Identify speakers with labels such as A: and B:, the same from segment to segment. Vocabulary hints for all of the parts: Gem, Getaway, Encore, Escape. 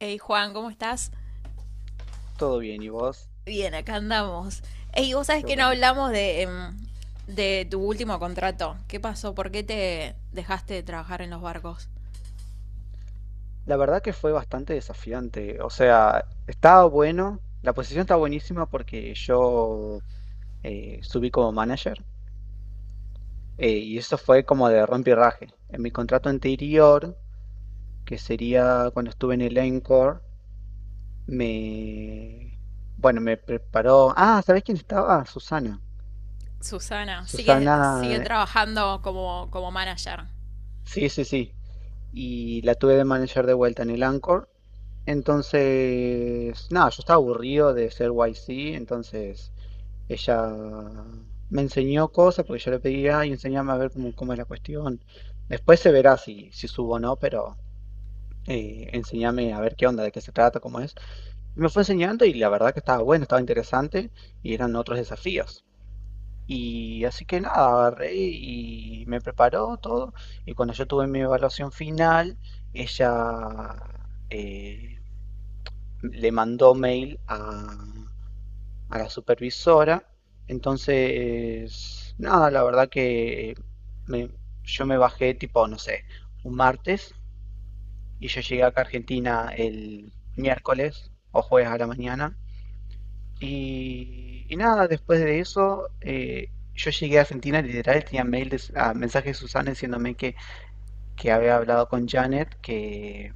A: Hey Juan, ¿cómo estás?
B: Todo bien, ¿y vos?
A: Bien, acá andamos. Hey, vos sabés
B: Qué
A: que no
B: bueno.
A: hablamos de tu último contrato. ¿Qué pasó? ¿Por qué te dejaste de trabajar en los barcos?
B: La verdad que fue bastante desafiante. O sea, estaba bueno. La posición está buenísima porque yo subí como manager y eso fue como de rompirraje. En mi contrato anterior, que sería cuando estuve en el Encore, me... Bueno, me preparó... Ah, ¿sabés quién estaba? Susana.
A: Susana, sigue
B: Susana...
A: trabajando como manager.
B: Sí, sí, sí. Y la tuve de manager de vuelta en el Encore. Entonces, nada, yo estaba aburrido de ser YC, entonces ella me enseñó cosas porque yo le pedía y enseñame a ver cómo, cómo es la cuestión. Después se verá si subo o no, pero enseñame a ver qué onda, de qué se trata, cómo es. Y me fue enseñando y la verdad que estaba bueno, estaba interesante y eran otros desafíos. Y así que nada, agarré y me preparó todo. Y cuando yo tuve mi evaluación final, ella eh, le mandó mail a la supervisora. Entonces, nada, la verdad que me- yo me bajé tipo, no sé, un martes y yo llegué acá a Argentina el miércoles o jueves a la mañana. Y nada, después de eso, yo llegué a Argentina, literal, tenía mail de, ah, mensaje de Susana diciéndome que había hablado con Janet,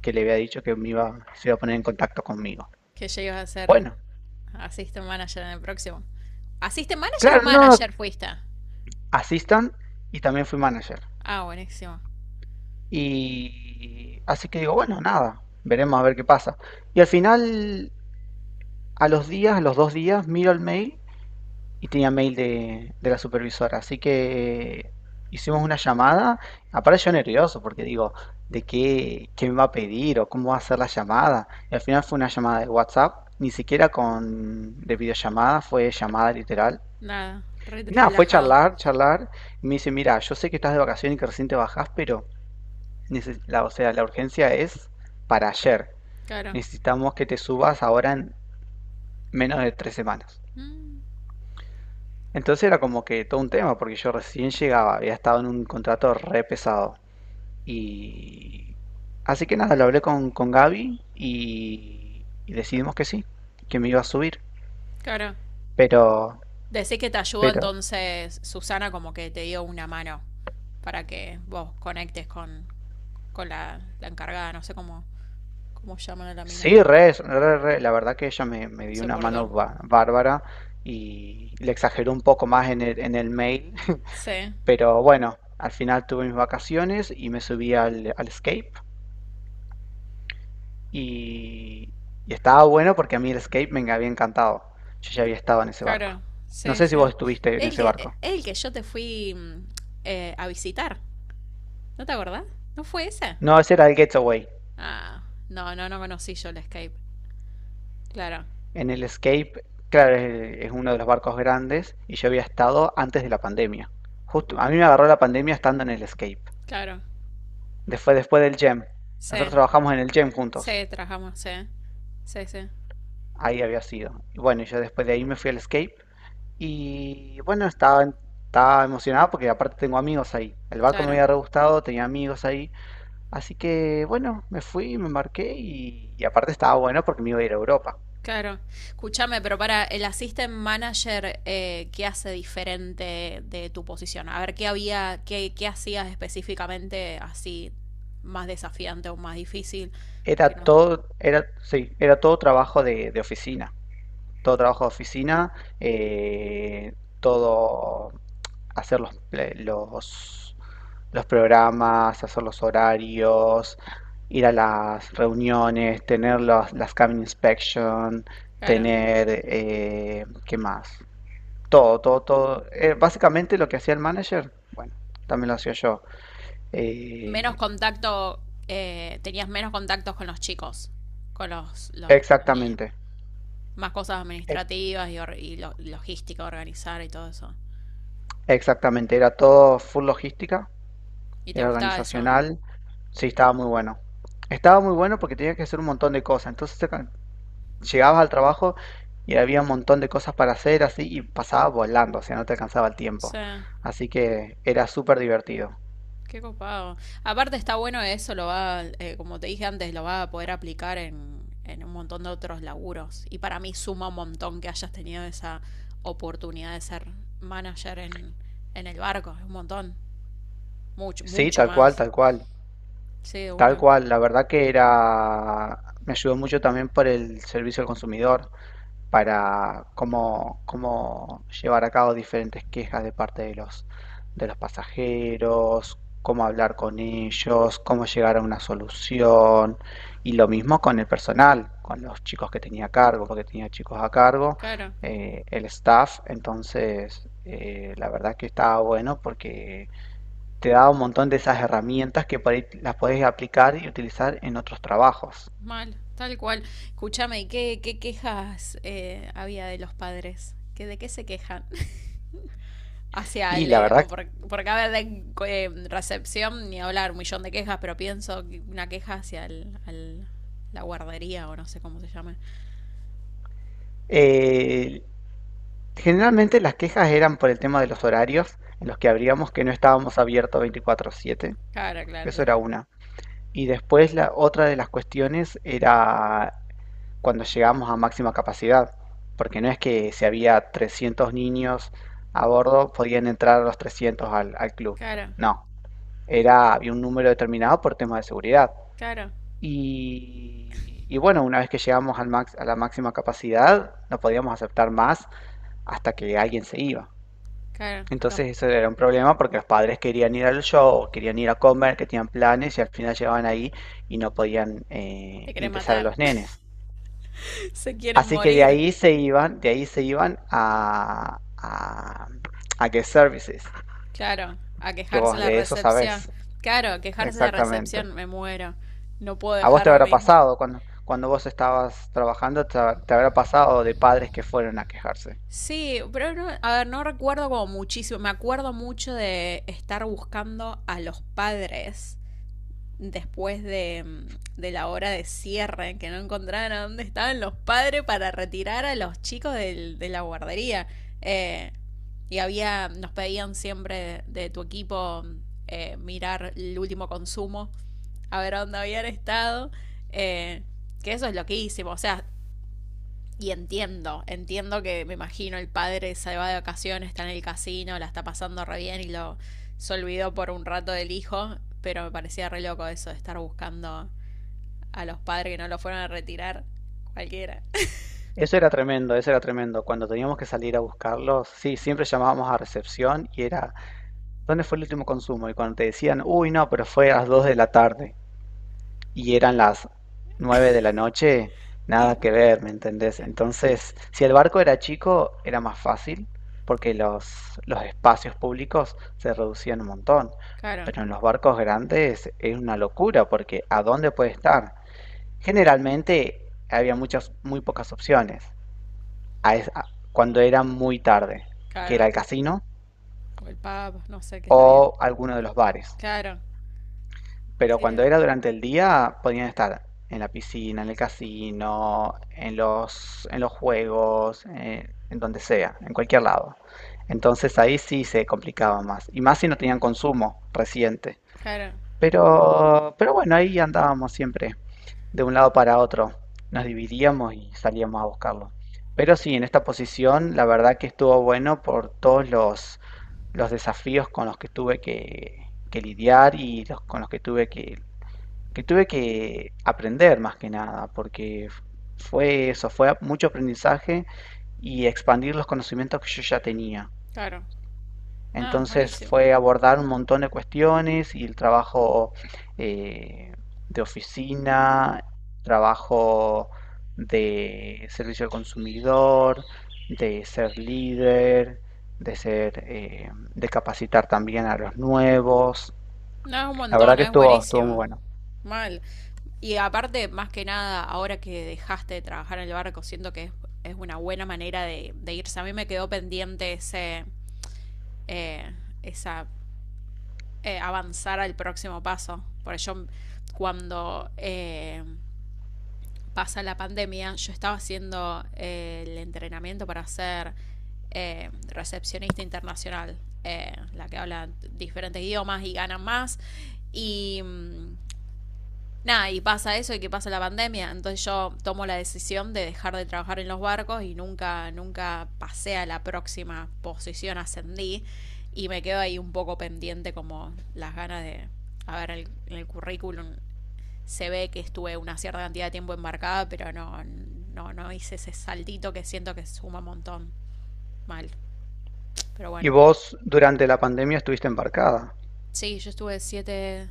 B: que le había dicho que me iba, se iba a poner en contacto conmigo.
A: Que llegas a ser
B: Bueno,
A: assistant manager en el próximo. ¿Assistant manager o
B: claro, no, no,
A: manager fuiste?
B: assistant y también fui manager.
A: Ah, buenísimo.
B: Y así que digo, bueno, nada, veremos a ver qué pasa. Y al final, a los días, a los 2 días, miro el mail y tenía mail de la supervisora. Así que hicimos una llamada. Aparte yo nervioso porque digo, ¿de qué, qué me va a pedir o cómo va a ser la llamada? Y al final fue una llamada de WhatsApp, ni siquiera con de videollamada, fue llamada literal.
A: Nada,
B: Y nada, fue
A: relajado.
B: charlar, charlar. Y me dice, mira, yo sé que estás de vacaciones y que recién te bajás, pero o sea, la urgencia es para ayer.
A: Claro.
B: Necesitamos que te subas ahora en menos de 3 semanas.
A: Mm,
B: Entonces era como que todo un tema, porque yo recién llegaba, había estado en un contrato re pesado. Y así que nada, lo hablé con Gaby y decidimos que sí, que me iba a subir.
A: claro.
B: Pero,
A: Decís que te ayudó
B: pero,
A: entonces Susana, como que te dio una mano para que vos conectes con la encargada, no sé cómo llaman a la mina.
B: sí, re, re, re, la verdad que ella me dio
A: Se
B: una mano
A: portó.
B: bárbara y le exageró un poco más en en el mail.
A: Sí,
B: Pero bueno, al final tuve mis vacaciones y me subí al Escape y, y estaba bueno porque a mí el Escape me había encantado. Yo ya había estado en ese
A: claro,
B: barco. No
A: sí,
B: sé si
A: sí.
B: vos estuviste en
A: El
B: ese
A: que,
B: barco.
A: el que yo te fui a visitar, ¿no te acordás? ¿No fue ese?
B: No, ese era el Getaway.
A: Ah, no, no, no conocí yo el Escape. Claro,
B: En el Escape, claro, es uno de los barcos grandes y yo había estado antes de la pandemia. Justo, a mí me agarró la pandemia estando en el Escape.
A: claro.
B: Después, después del Gem.
A: Sí,
B: Nosotros trabajamos en el Gem
A: sí,
B: juntos.
A: trabajamos, sí. Sí, sí,
B: Ahí había sido. Y bueno, yo después de ahí me fui al Escape. Y bueno, estaba emocionado porque aparte tengo amigos ahí. El barco me
A: claro.
B: había re gustado, tenía amigos ahí. Así que bueno, me fui, me embarqué y aparte estaba bueno porque me iba a ir a Europa.
A: Claro. Escúchame, pero para el assistant manager, ¿qué hace diferente de tu posición? A ver, ¿qué, qué hacías específicamente así más desafiante o más difícil? Que no.
B: Sí, era todo trabajo de oficina. Todo trabajo de oficina, eh, todo hacer los programas, hacer los horarios, ir a las reuniones, tener las cabin inspection,
A: Claro.
B: tener, ¿qué más? Todo, todo, todo. Básicamente lo que hacía el manager, bueno, también lo hacía yo.
A: Menos
B: Eh,
A: contacto, tenías menos contactos con los chicos, con los niños.
B: exactamente,
A: Más cosas
B: ex-
A: administrativas y logística, organizar y todo eso.
B: exactamente. Era todo full logística,
A: ¿Y te
B: era
A: gustaba eso?
B: organizacional. Sí, estaba muy bueno. Estaba muy bueno porque tenía que hacer un montón de cosas. Llegabas al trabajo y había un montón de cosas para hacer así y pasaba volando, o sea, no te alcanzaba el
A: Sí.
B: tiempo. Así que era súper divertido.
A: Qué copado. Aparte está bueno eso, como te dije antes, lo va a poder aplicar en un montón de otros laburos. Y para mí suma un montón que hayas tenido esa oportunidad de ser manager en el barco. Es un montón. Mucho,
B: Sí,
A: mucho
B: tal cual,
A: más.
B: tal cual,
A: Sí, de
B: tal
A: una.
B: cual. La verdad que era, me ayudó mucho también por el servicio al consumidor, para cómo, cómo llevar a cabo diferentes quejas de parte de de los pasajeros, cómo hablar con ellos, cómo llegar a una solución. Y lo mismo con el personal, con los chicos que tenía a cargo, porque tenía chicos a cargo,
A: Claro.
B: el staff. Entonces, la verdad que estaba bueno porque te da un montón de esas herramientas que por ahí las podés aplicar y utilizar en otros trabajos.
A: Mal. Tal cual. Escúchame, ¿y qué quejas había de los padres? ¿Que ¿De qué se quejan? Hacia
B: Y
A: el,
B: la verdad,
A: o por acá de recepción ni hablar un millón de quejas, pero pienso que una queja hacia la guardería o no sé cómo se llama.
B: eh, generalmente las quejas eran por el tema de los horarios, en los que abríamos, que no estábamos abiertos 24/7,
A: Claro, claro,
B: eso era una. Y después la otra de las cuestiones era cuando llegamos a máxima capacidad, porque no es que si había 300 niños a bordo podían entrar los 300 al club,
A: claro,
B: no, había un número determinado por tema de seguridad.
A: claro,
B: Y bueno, una vez que llegamos a la máxima capacidad, no podíamos aceptar más hasta que alguien se iba.
A: claro. Los
B: Entonces eso era un problema porque los padres querían ir al show, o querían ir a comer, que tenían planes y al final llegaban ahí y no podían
A: te quieren
B: ingresar a
A: matar,
B: los nenes.
A: se quieren
B: Así que de
A: morir.
B: ahí se iban, de ahí se iban a guest services,
A: Claro, a
B: que
A: quejarse
B: vos
A: la
B: de eso
A: recepción.
B: sabés
A: Claro, a quejarse la
B: exactamente.
A: recepción, me muero. No puedo
B: A vos te habrá
A: dejarme.
B: pasado, cuando vos estabas trabajando, te habrá pasado de padres que fueron a quejarse.
A: Sí, pero no, a ver, no recuerdo como muchísimo. Me acuerdo mucho de estar buscando a los padres después de la hora de cierre, que no encontraban a dónde estaban los padres para retirar a los chicos de la guardería. Eh, y había, nos pedían siempre de tu equipo mirar el último consumo, a ver dónde habían estado. eh, que eso es loquísimo. O sea, y entiendo, entiendo que, me imagino, el padre se va de vacaciones, está en el casino, la está pasando re bien y lo se olvidó por un rato del hijo, pero me parecía re loco eso de estar buscando a los padres que no lo fueron a retirar. Cualquiera.
B: Eso era tremendo, eso era tremendo. Cuando teníamos que salir a buscarlos, sí, siempre llamábamos a recepción y era... ¿Dónde fue el último consumo? Y cuando te decían, uy, no, pero fue a las 2 de la tarde y eran las 9 de la noche, nada
A: Y-
B: que ver, ¿me entendés? Entonces, si el barco era chico, era más fácil porque los espacios públicos se reducían un montón.
A: claro,
B: Pero en los barcos grandes es una locura porque ¿a dónde puede estar? Generalmente había muchas, muy pocas opciones a es- a- cuando era muy tarde, que era
A: claro.
B: el casino
A: O el pub, no sé, qué está bien.
B: o alguno de los bares.
A: Claro.
B: Pero cuando era durante el día, podían estar en la piscina, en el casino, en los juegos, en donde sea, en cualquier lado. Entonces ahí sí se complicaba más. Y más si no tenían consumo reciente.
A: Claro,
B: Pero bueno, ahí andábamos siempre, de un lado para otro. Nos dividíamos y salíamos a buscarlo. Pero sí, en esta posición, la verdad que estuvo bueno por todos los desafíos con los que tuve que lidiar y con los que tuve que aprender más que nada, porque fue eso, fue mucho aprendizaje y expandir los conocimientos que yo ya tenía.
A: claro. No,
B: Entonces
A: buenísimo.
B: fue abordar un montón de cuestiones y el trabajo eh, de oficina, trabajo de servicio al consumidor, de ser líder, de ser, eh, de capacitar también a los nuevos.
A: No, es un
B: La verdad
A: montón,
B: que
A: es
B: estuvo, estuvo muy
A: buenísimo.
B: bueno.
A: Mal. Y aparte, más que nada, ahora que dejaste de trabajar en el barco, siento que es una buena manera de irse. A mí me quedó pendiente eh, esa, avanzar al próximo paso. Por yo, cuando pasa la pandemia, yo estaba haciendo el entrenamiento para ser recepcionista internacional, la que habla diferentes idiomas y gana más. Y mm, Nada, y pasa eso y que pasa la pandemia. Entonces yo tomo la decisión de dejar de trabajar en los barcos y nunca, nunca pasé a la próxima posición, ascendí. Y me quedo ahí un poco pendiente, como las ganas a ver, en el currículum se ve que estuve una cierta cantidad de tiempo embarcada, pero no, no, no hice ese saltito que siento que suma un montón. Mal. Pero
B: Y
A: bueno.
B: vos durante la pandemia estuviste embarcada.
A: Sí, yo estuve siete,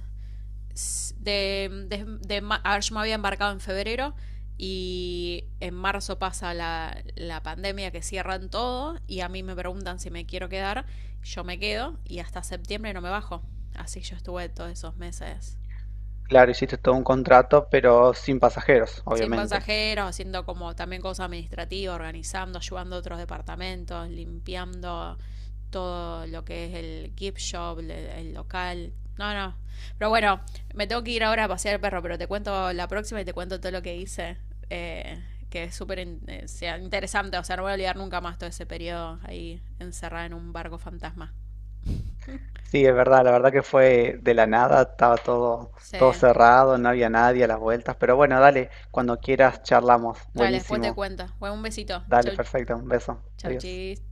A: de a ver, yo me había embarcado en febrero y en marzo pasa la pandemia, que cierran todo y a mí me preguntan si me quiero quedar, yo me quedo y hasta septiembre no me bajo. Así yo estuve todos esos meses
B: Claro, hiciste todo un contrato, pero sin pasajeros,
A: sin
B: obviamente.
A: pasajeros, haciendo como también cosas administrativas, organizando, ayudando a otros departamentos, limpiando todo lo que es el gift shop, el local. No, no. Pero bueno, me tengo que ir ahora a pasear el perro, pero te cuento la próxima y te cuento todo lo que hice. eh, que es súper sea interesante, o sea, no voy a olvidar nunca más todo ese periodo ahí encerrada en un barco fantasma.
B: Sí, es verdad, la verdad que fue de la nada, estaba todo, todo
A: Sí.
B: cerrado, no había nadie a las vueltas, pero bueno, dale, cuando quieras charlamos.
A: Dale, después te
B: Buenísimo.
A: cuento. Bueno, un besito.
B: Dale,
A: Chau.
B: perfecto, un beso.
A: Chau,
B: Adiós.
A: chis.